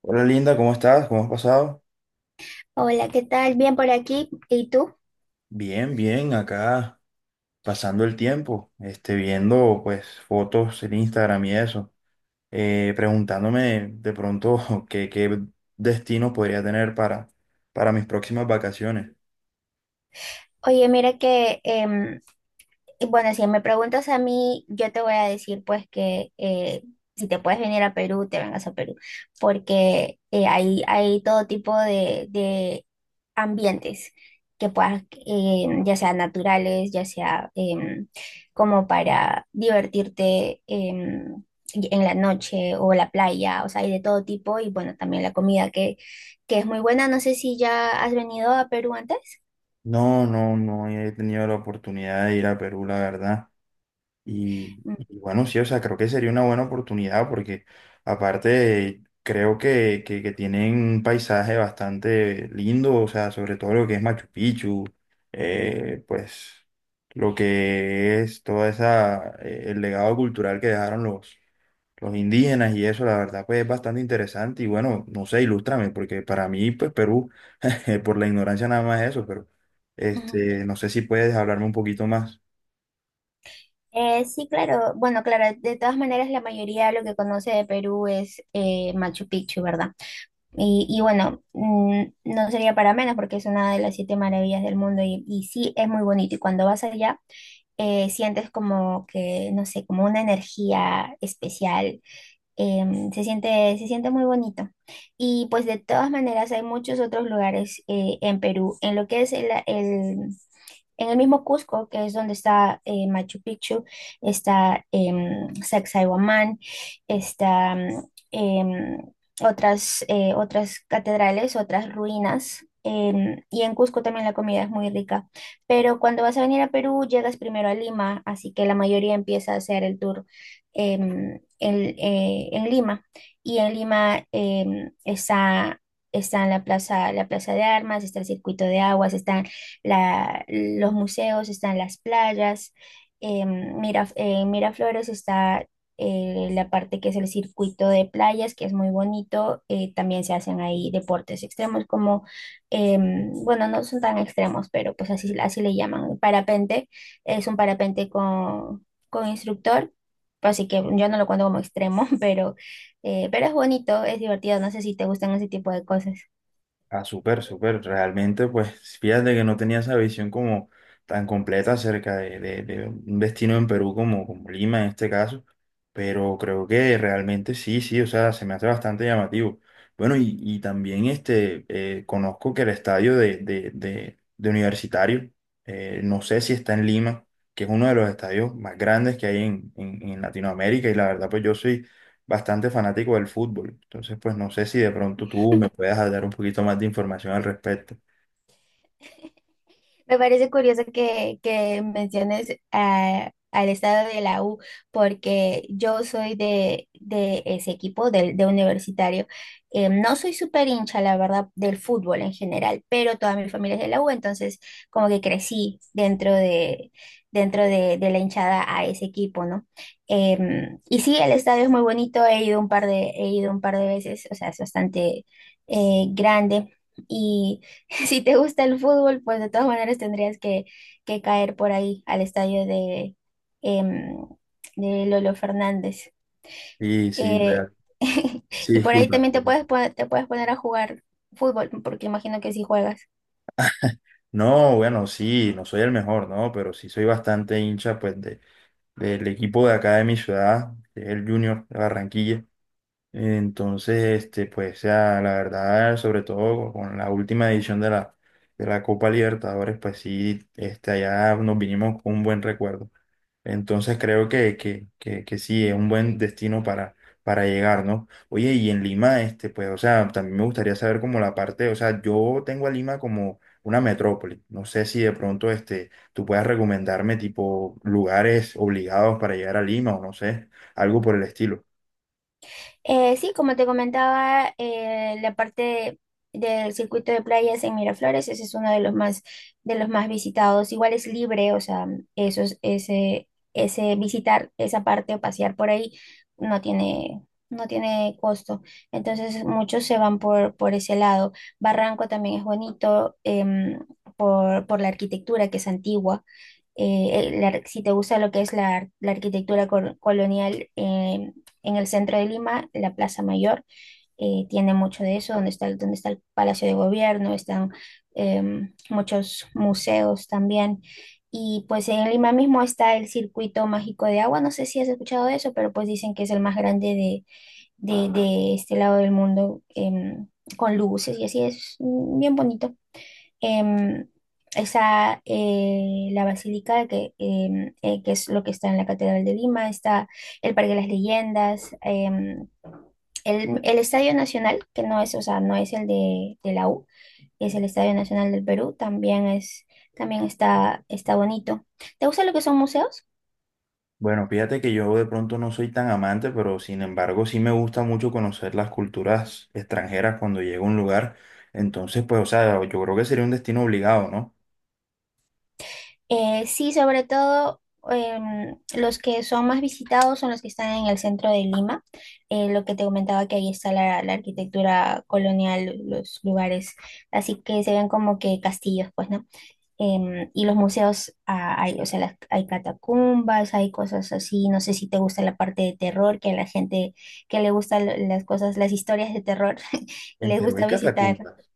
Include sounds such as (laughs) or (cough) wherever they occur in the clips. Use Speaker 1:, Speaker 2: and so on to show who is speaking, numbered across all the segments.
Speaker 1: Hola Linda, ¿cómo estás? ¿Cómo has pasado?
Speaker 2: Hola, ¿qué tal? Bien por aquí. ¿Y tú?
Speaker 1: Bien, bien, acá pasando el tiempo, viendo pues fotos en Instagram y eso. Preguntándome de pronto (laughs) qué destino podría tener para mis próximas vacaciones.
Speaker 2: Oye, mira que, y bueno, si me preguntas a mí, yo te voy a decir pues que si te puedes venir a Perú, te vengas a Perú, porque hay todo tipo de ambientes que puedas, ya sea naturales, ya sea como para divertirte en la noche o la playa, o sea, hay de todo tipo y bueno, también la comida que es muy buena. No sé si ya has venido a Perú antes.
Speaker 1: No, no he tenido la oportunidad de ir a Perú, la verdad. Y,
Speaker 2: Mm,
Speaker 1: y bueno, sí, o sea, creo que sería una buena oportunidad porque aparte creo que tienen un paisaje bastante lindo, o sea, sobre todo lo que es Machu Picchu, pues lo que es toda esa, el legado cultural que dejaron los indígenas y eso, la verdad, pues es bastante interesante y bueno, no sé, ilústrame, porque para mí, pues Perú, (laughs) por la ignorancia nada más es eso, pero
Speaker 2: ujú.
Speaker 1: no sé si puedes hablarme un poquito más.
Speaker 2: Sí, claro. Bueno, claro, de todas maneras la mayoría lo que conoce de Perú es Machu Picchu, ¿verdad? Y bueno, mm, no sería para menos porque es una de las siete maravillas del mundo y sí es muy bonito. Y cuando vas allá, sientes como que, no sé, como una energía especial. Se siente muy bonito. Y pues de todas maneras hay muchos otros lugares en Perú. En lo que es en el mismo Cusco, que es donde está Machu Picchu, está Sacsayhuamán, está otras, otras catedrales, otras ruinas. Em, y en Cusco también la comida es muy rica. Pero cuando vas a venir a Perú, llegas primero a Lima, así que la mayoría empieza a hacer el tour en Lima. Y en Lima está en la plaza de armas, está el circuito de aguas, está los museos, están las playas, en Miraflores está la parte que es el circuito de playas, que es muy bonito, también se hacen ahí deportes extremos como, bueno, no son tan extremos, pero pues así le llaman, parapente, es un parapente con instructor. Pues así que yo no lo cuento como extremo, (laughs) pero es bonito, es divertido. No sé si te gustan ese tipo de cosas.
Speaker 1: Ah, súper, súper. Realmente, pues, fíjate que no tenía esa visión como tan completa acerca de un destino en Perú como, como Lima en este caso, pero creo que realmente sí, sí, o sea, se me hace bastante llamativo. Bueno, y también conozco que el estadio de Universitario, no sé si está en Lima, que es uno de los estadios más grandes que hay en, en Latinoamérica, y la verdad, pues yo soy bastante fanático del fútbol. Entonces, pues no sé si de pronto tú me puedas dar un poquito más de información al respecto.
Speaker 2: Me parece curioso que menciones al estado de la U, porque yo soy de ese equipo, del de universitario. No soy súper hincha, la verdad, del fútbol en general, pero toda mi familia es de la U, entonces como que crecí dentro de la hinchada a ese equipo, ¿no? Em, y sí, el estadio es muy bonito, he ido un par de veces, o sea, es bastante grande. Si te gusta el fútbol, pues de todas maneras tendrías que caer por ahí al estadio de, em, de Lolo Fernández.
Speaker 1: Sí, sí,
Speaker 2: Eh,
Speaker 1: real.
Speaker 2: (laughs)
Speaker 1: Sí,
Speaker 2: y por ahí
Speaker 1: disculpa.
Speaker 2: también te puedes, te puedes poner a jugar fútbol, porque imagino que si juegas.
Speaker 1: No, bueno, sí, no soy el mejor, ¿no? Pero sí soy bastante hincha, pues, de, del equipo de acá de mi ciudad, que es el Junior de Barranquilla. Entonces, pues ya, la verdad, sobre todo con la última edición de la Copa Libertadores, pues sí, allá nos vinimos con un buen recuerdo. Entonces creo que sí, es un buen destino para llegar, ¿no? Oye, y en Lima, pues, o sea, también me gustaría saber como la parte, o sea, yo tengo a Lima como una metrópoli. No sé si de pronto, tú puedas recomendarme tipo lugares obligados para llegar a Lima o no sé, algo por el estilo.
Speaker 2: Sí, como te comentaba, la parte del circuito de playas en Miraflores, ese es uno de los más visitados. Igual es libre, o sea, ese visitar esa parte o pasear por ahí no tiene, no tiene costo. Entonces muchos se van por ese lado. Barranco también es bonito, por la arquitectura que es antigua. Si te gusta lo que es la arquitectura colonial, en el centro de Lima, la Plaza Mayor tiene mucho de eso, donde está, donde está el Palacio de Gobierno, están muchos museos también. Y pues en Lima mismo está el Circuito Mágico de Agua, no sé si has escuchado de eso, pero pues dicen que es el más grande de, de este lado del mundo, con luces y así es mm, bien bonito. em, Está la basílica, que es lo que está en la Catedral de Lima, está el Parque de las Leyendas, el Estadio Nacional, que no es, o sea, no es el de la U, es el Estadio Nacional del Perú, también es, también está, está bonito. ¿Te gusta lo que son museos?
Speaker 1: Bueno, fíjate que yo de pronto no soy tan amante, pero sin embargo sí me gusta mucho conocer las culturas extranjeras cuando llego a un lugar. Entonces, pues, o sea, yo creo que sería un destino obligado, ¿no?
Speaker 2: Sí, sobre todo los que son más visitados son los que están en el centro de Lima. Lo que te comentaba que ahí está la arquitectura colonial, los lugares, así que se ven como que castillos, pues, ¿no? Em, y los museos, ah, hay, o sea, hay catacumbas, hay cosas así. No sé si te gusta la parte de terror, que a la gente que le gustan las cosas, las historias de terror, (laughs)
Speaker 1: ¿En
Speaker 2: les
Speaker 1: Perú hay
Speaker 2: gusta visitar.
Speaker 1: catacumbas,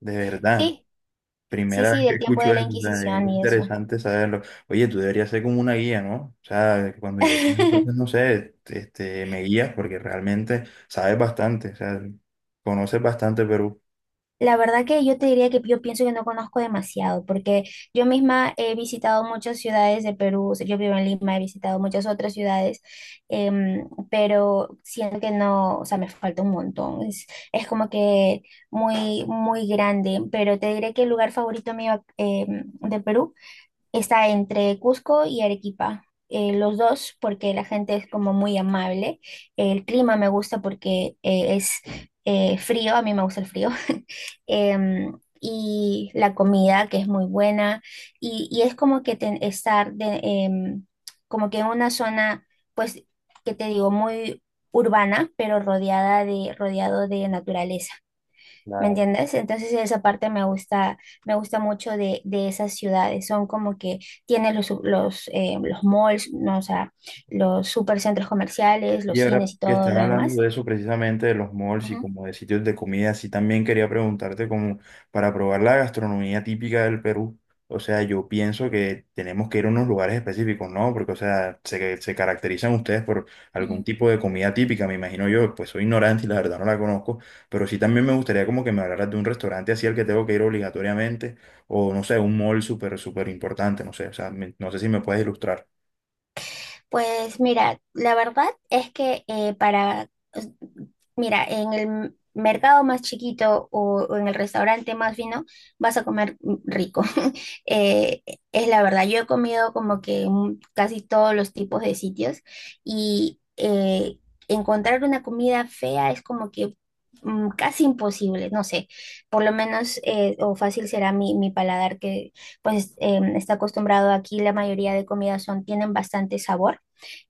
Speaker 1: de verdad?
Speaker 2: Sí, sí,
Speaker 1: Primera
Speaker 2: sí,
Speaker 1: vez que
Speaker 2: del tiempo
Speaker 1: escucho
Speaker 2: de la
Speaker 1: eso, o sea, es
Speaker 2: Inquisición y eso.
Speaker 1: interesante saberlo. Oye, tú deberías ser como una guía, ¿no? O sea, cuando llegues, entonces,
Speaker 2: (laughs)
Speaker 1: no sé, me guías porque realmente sabes bastante, o sea, conoces bastante Perú.
Speaker 2: La verdad que yo te diría que yo pienso que no conozco demasiado, porque yo misma he visitado muchas ciudades de Perú, o sea, yo vivo en Lima, he visitado muchas otras ciudades, pero siento que no, o sea, me falta un montón, es como que muy, muy grande, pero te diré que el lugar favorito mío de Perú está entre Cusco y Arequipa. Eh, los dos, porque la gente es como muy amable. El clima me gusta porque es frío, a mí me gusta el frío. (laughs) Em, y la comida, que es muy buena. Y es como que como que en una zona, pues, que te digo, muy urbana, pero rodeado de naturaleza. ¿Me entiendes? Entonces esa parte me gusta mucho de esas ciudades. Son como que tienen los malls, ¿no? O sea, los supercentros comerciales,
Speaker 1: Y
Speaker 2: los
Speaker 1: ahora
Speaker 2: cines y
Speaker 1: que
Speaker 2: todo
Speaker 1: estás
Speaker 2: lo
Speaker 1: hablando
Speaker 2: demás.
Speaker 1: de eso precisamente, de los malls y
Speaker 2: Ujú,
Speaker 1: como de sitios de comida, sí también quería preguntarte como para probar la gastronomía típica del Perú. O sea, yo pienso que tenemos que ir a unos lugares específicos, ¿no? Porque, o sea, se caracterizan ustedes por algún
Speaker 2: ujú.
Speaker 1: tipo de comida típica, me imagino yo, pues soy ignorante y la verdad no la conozco, pero sí también me gustaría como que me hablaras de un restaurante así al que tengo que ir obligatoriamente, o no sé, un mall súper, súper importante, no sé, o sea, no sé si me puedes ilustrar.
Speaker 2: Pues mira, la verdad es que mira, en el mercado más chiquito o en el restaurante más fino vas a comer rico. (laughs) Eh, es la verdad, yo he comido como que en casi todos los tipos de sitios y encontrar una comida fea es como que mm, casi imposible, no sé, por lo menos o fácil será mi paladar que pues está acostumbrado aquí, la mayoría de comidas son, tienen bastante sabor.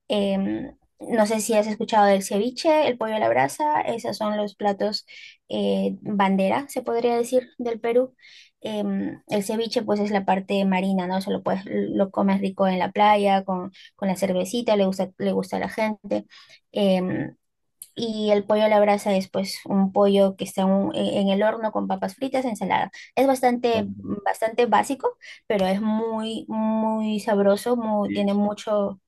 Speaker 2: Em, no sé si has escuchado del ceviche, el pollo a la brasa, esos son los platos bandera, se podría decir, del Perú. Em, el ceviche pues es la parte marina, ¿no? Se lo puedes, lo comes rico en la playa, con la cervecita, le gusta a la gente. Em, y el pollo a la brasa es pues un pollo que está en, en el horno con papas fritas, ensalada. Es bastante,
Speaker 1: Ujú.
Speaker 2: bastante básico, pero es muy, sabroso, muy- tiene mucho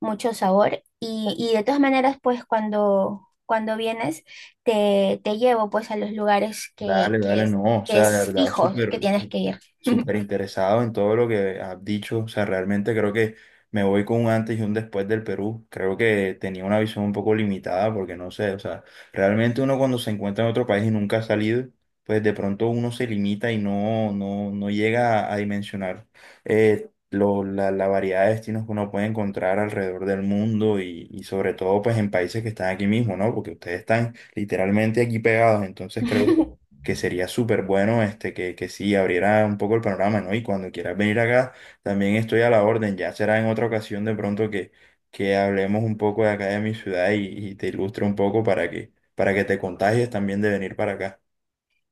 Speaker 2: mucho sabor. Y de todas maneras, pues cuando, cuando vienes, te llevo pues a los lugares
Speaker 1: Dale, dale, no, o
Speaker 2: que
Speaker 1: sea, la
Speaker 2: es
Speaker 1: verdad,
Speaker 2: fijo que
Speaker 1: súper,
Speaker 2: tienes que ir.
Speaker 1: súper interesado en todo lo que has dicho, o sea, realmente creo que me voy con un antes y un después del Perú, creo que tenía una visión un poco limitada, porque no sé, o sea, realmente uno cuando se encuentra en otro país y nunca ha salido, pues de pronto uno se limita y no llega a dimensionar la variedad de destinos que uno puede encontrar alrededor del mundo y sobre todo pues en países que están aquí mismo, ¿no? Porque ustedes están literalmente aquí pegados. Entonces creo
Speaker 2: (laughs)
Speaker 1: que sería súper bueno que sí abriera un poco el panorama, ¿no? Y cuando quieras venir acá, también estoy a la orden. Ya será en otra ocasión de pronto que hablemos un poco de acá de mi ciudad y te ilustre un poco para que te contagies también de venir para acá.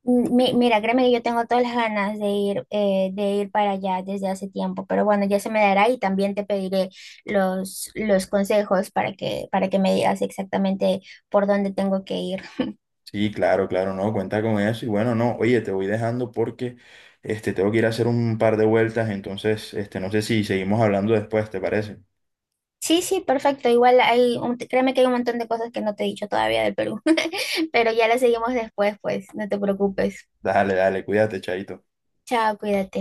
Speaker 2: Mira, créeme que yo tengo todas las ganas de ir para allá desde hace tiempo, pero bueno, ya se me dará y también te pediré los consejos para para que me digas exactamente por dónde tengo que ir.
Speaker 1: Sí, claro, claro, no, cuenta con eso. Y bueno, no, oye, te voy dejando porque tengo que ir a hacer un par de vueltas, entonces no sé si seguimos hablando después, ¿te parece?
Speaker 2: Sí, sí, perfecto. Igual hay, créeme que hay un montón de cosas que no te he dicho todavía del Perú, (laughs) pero ya las seguimos después, pues, no te preocupes.
Speaker 1: Dale, dale, cuídate, chaito.
Speaker 2: Chao, cuídate.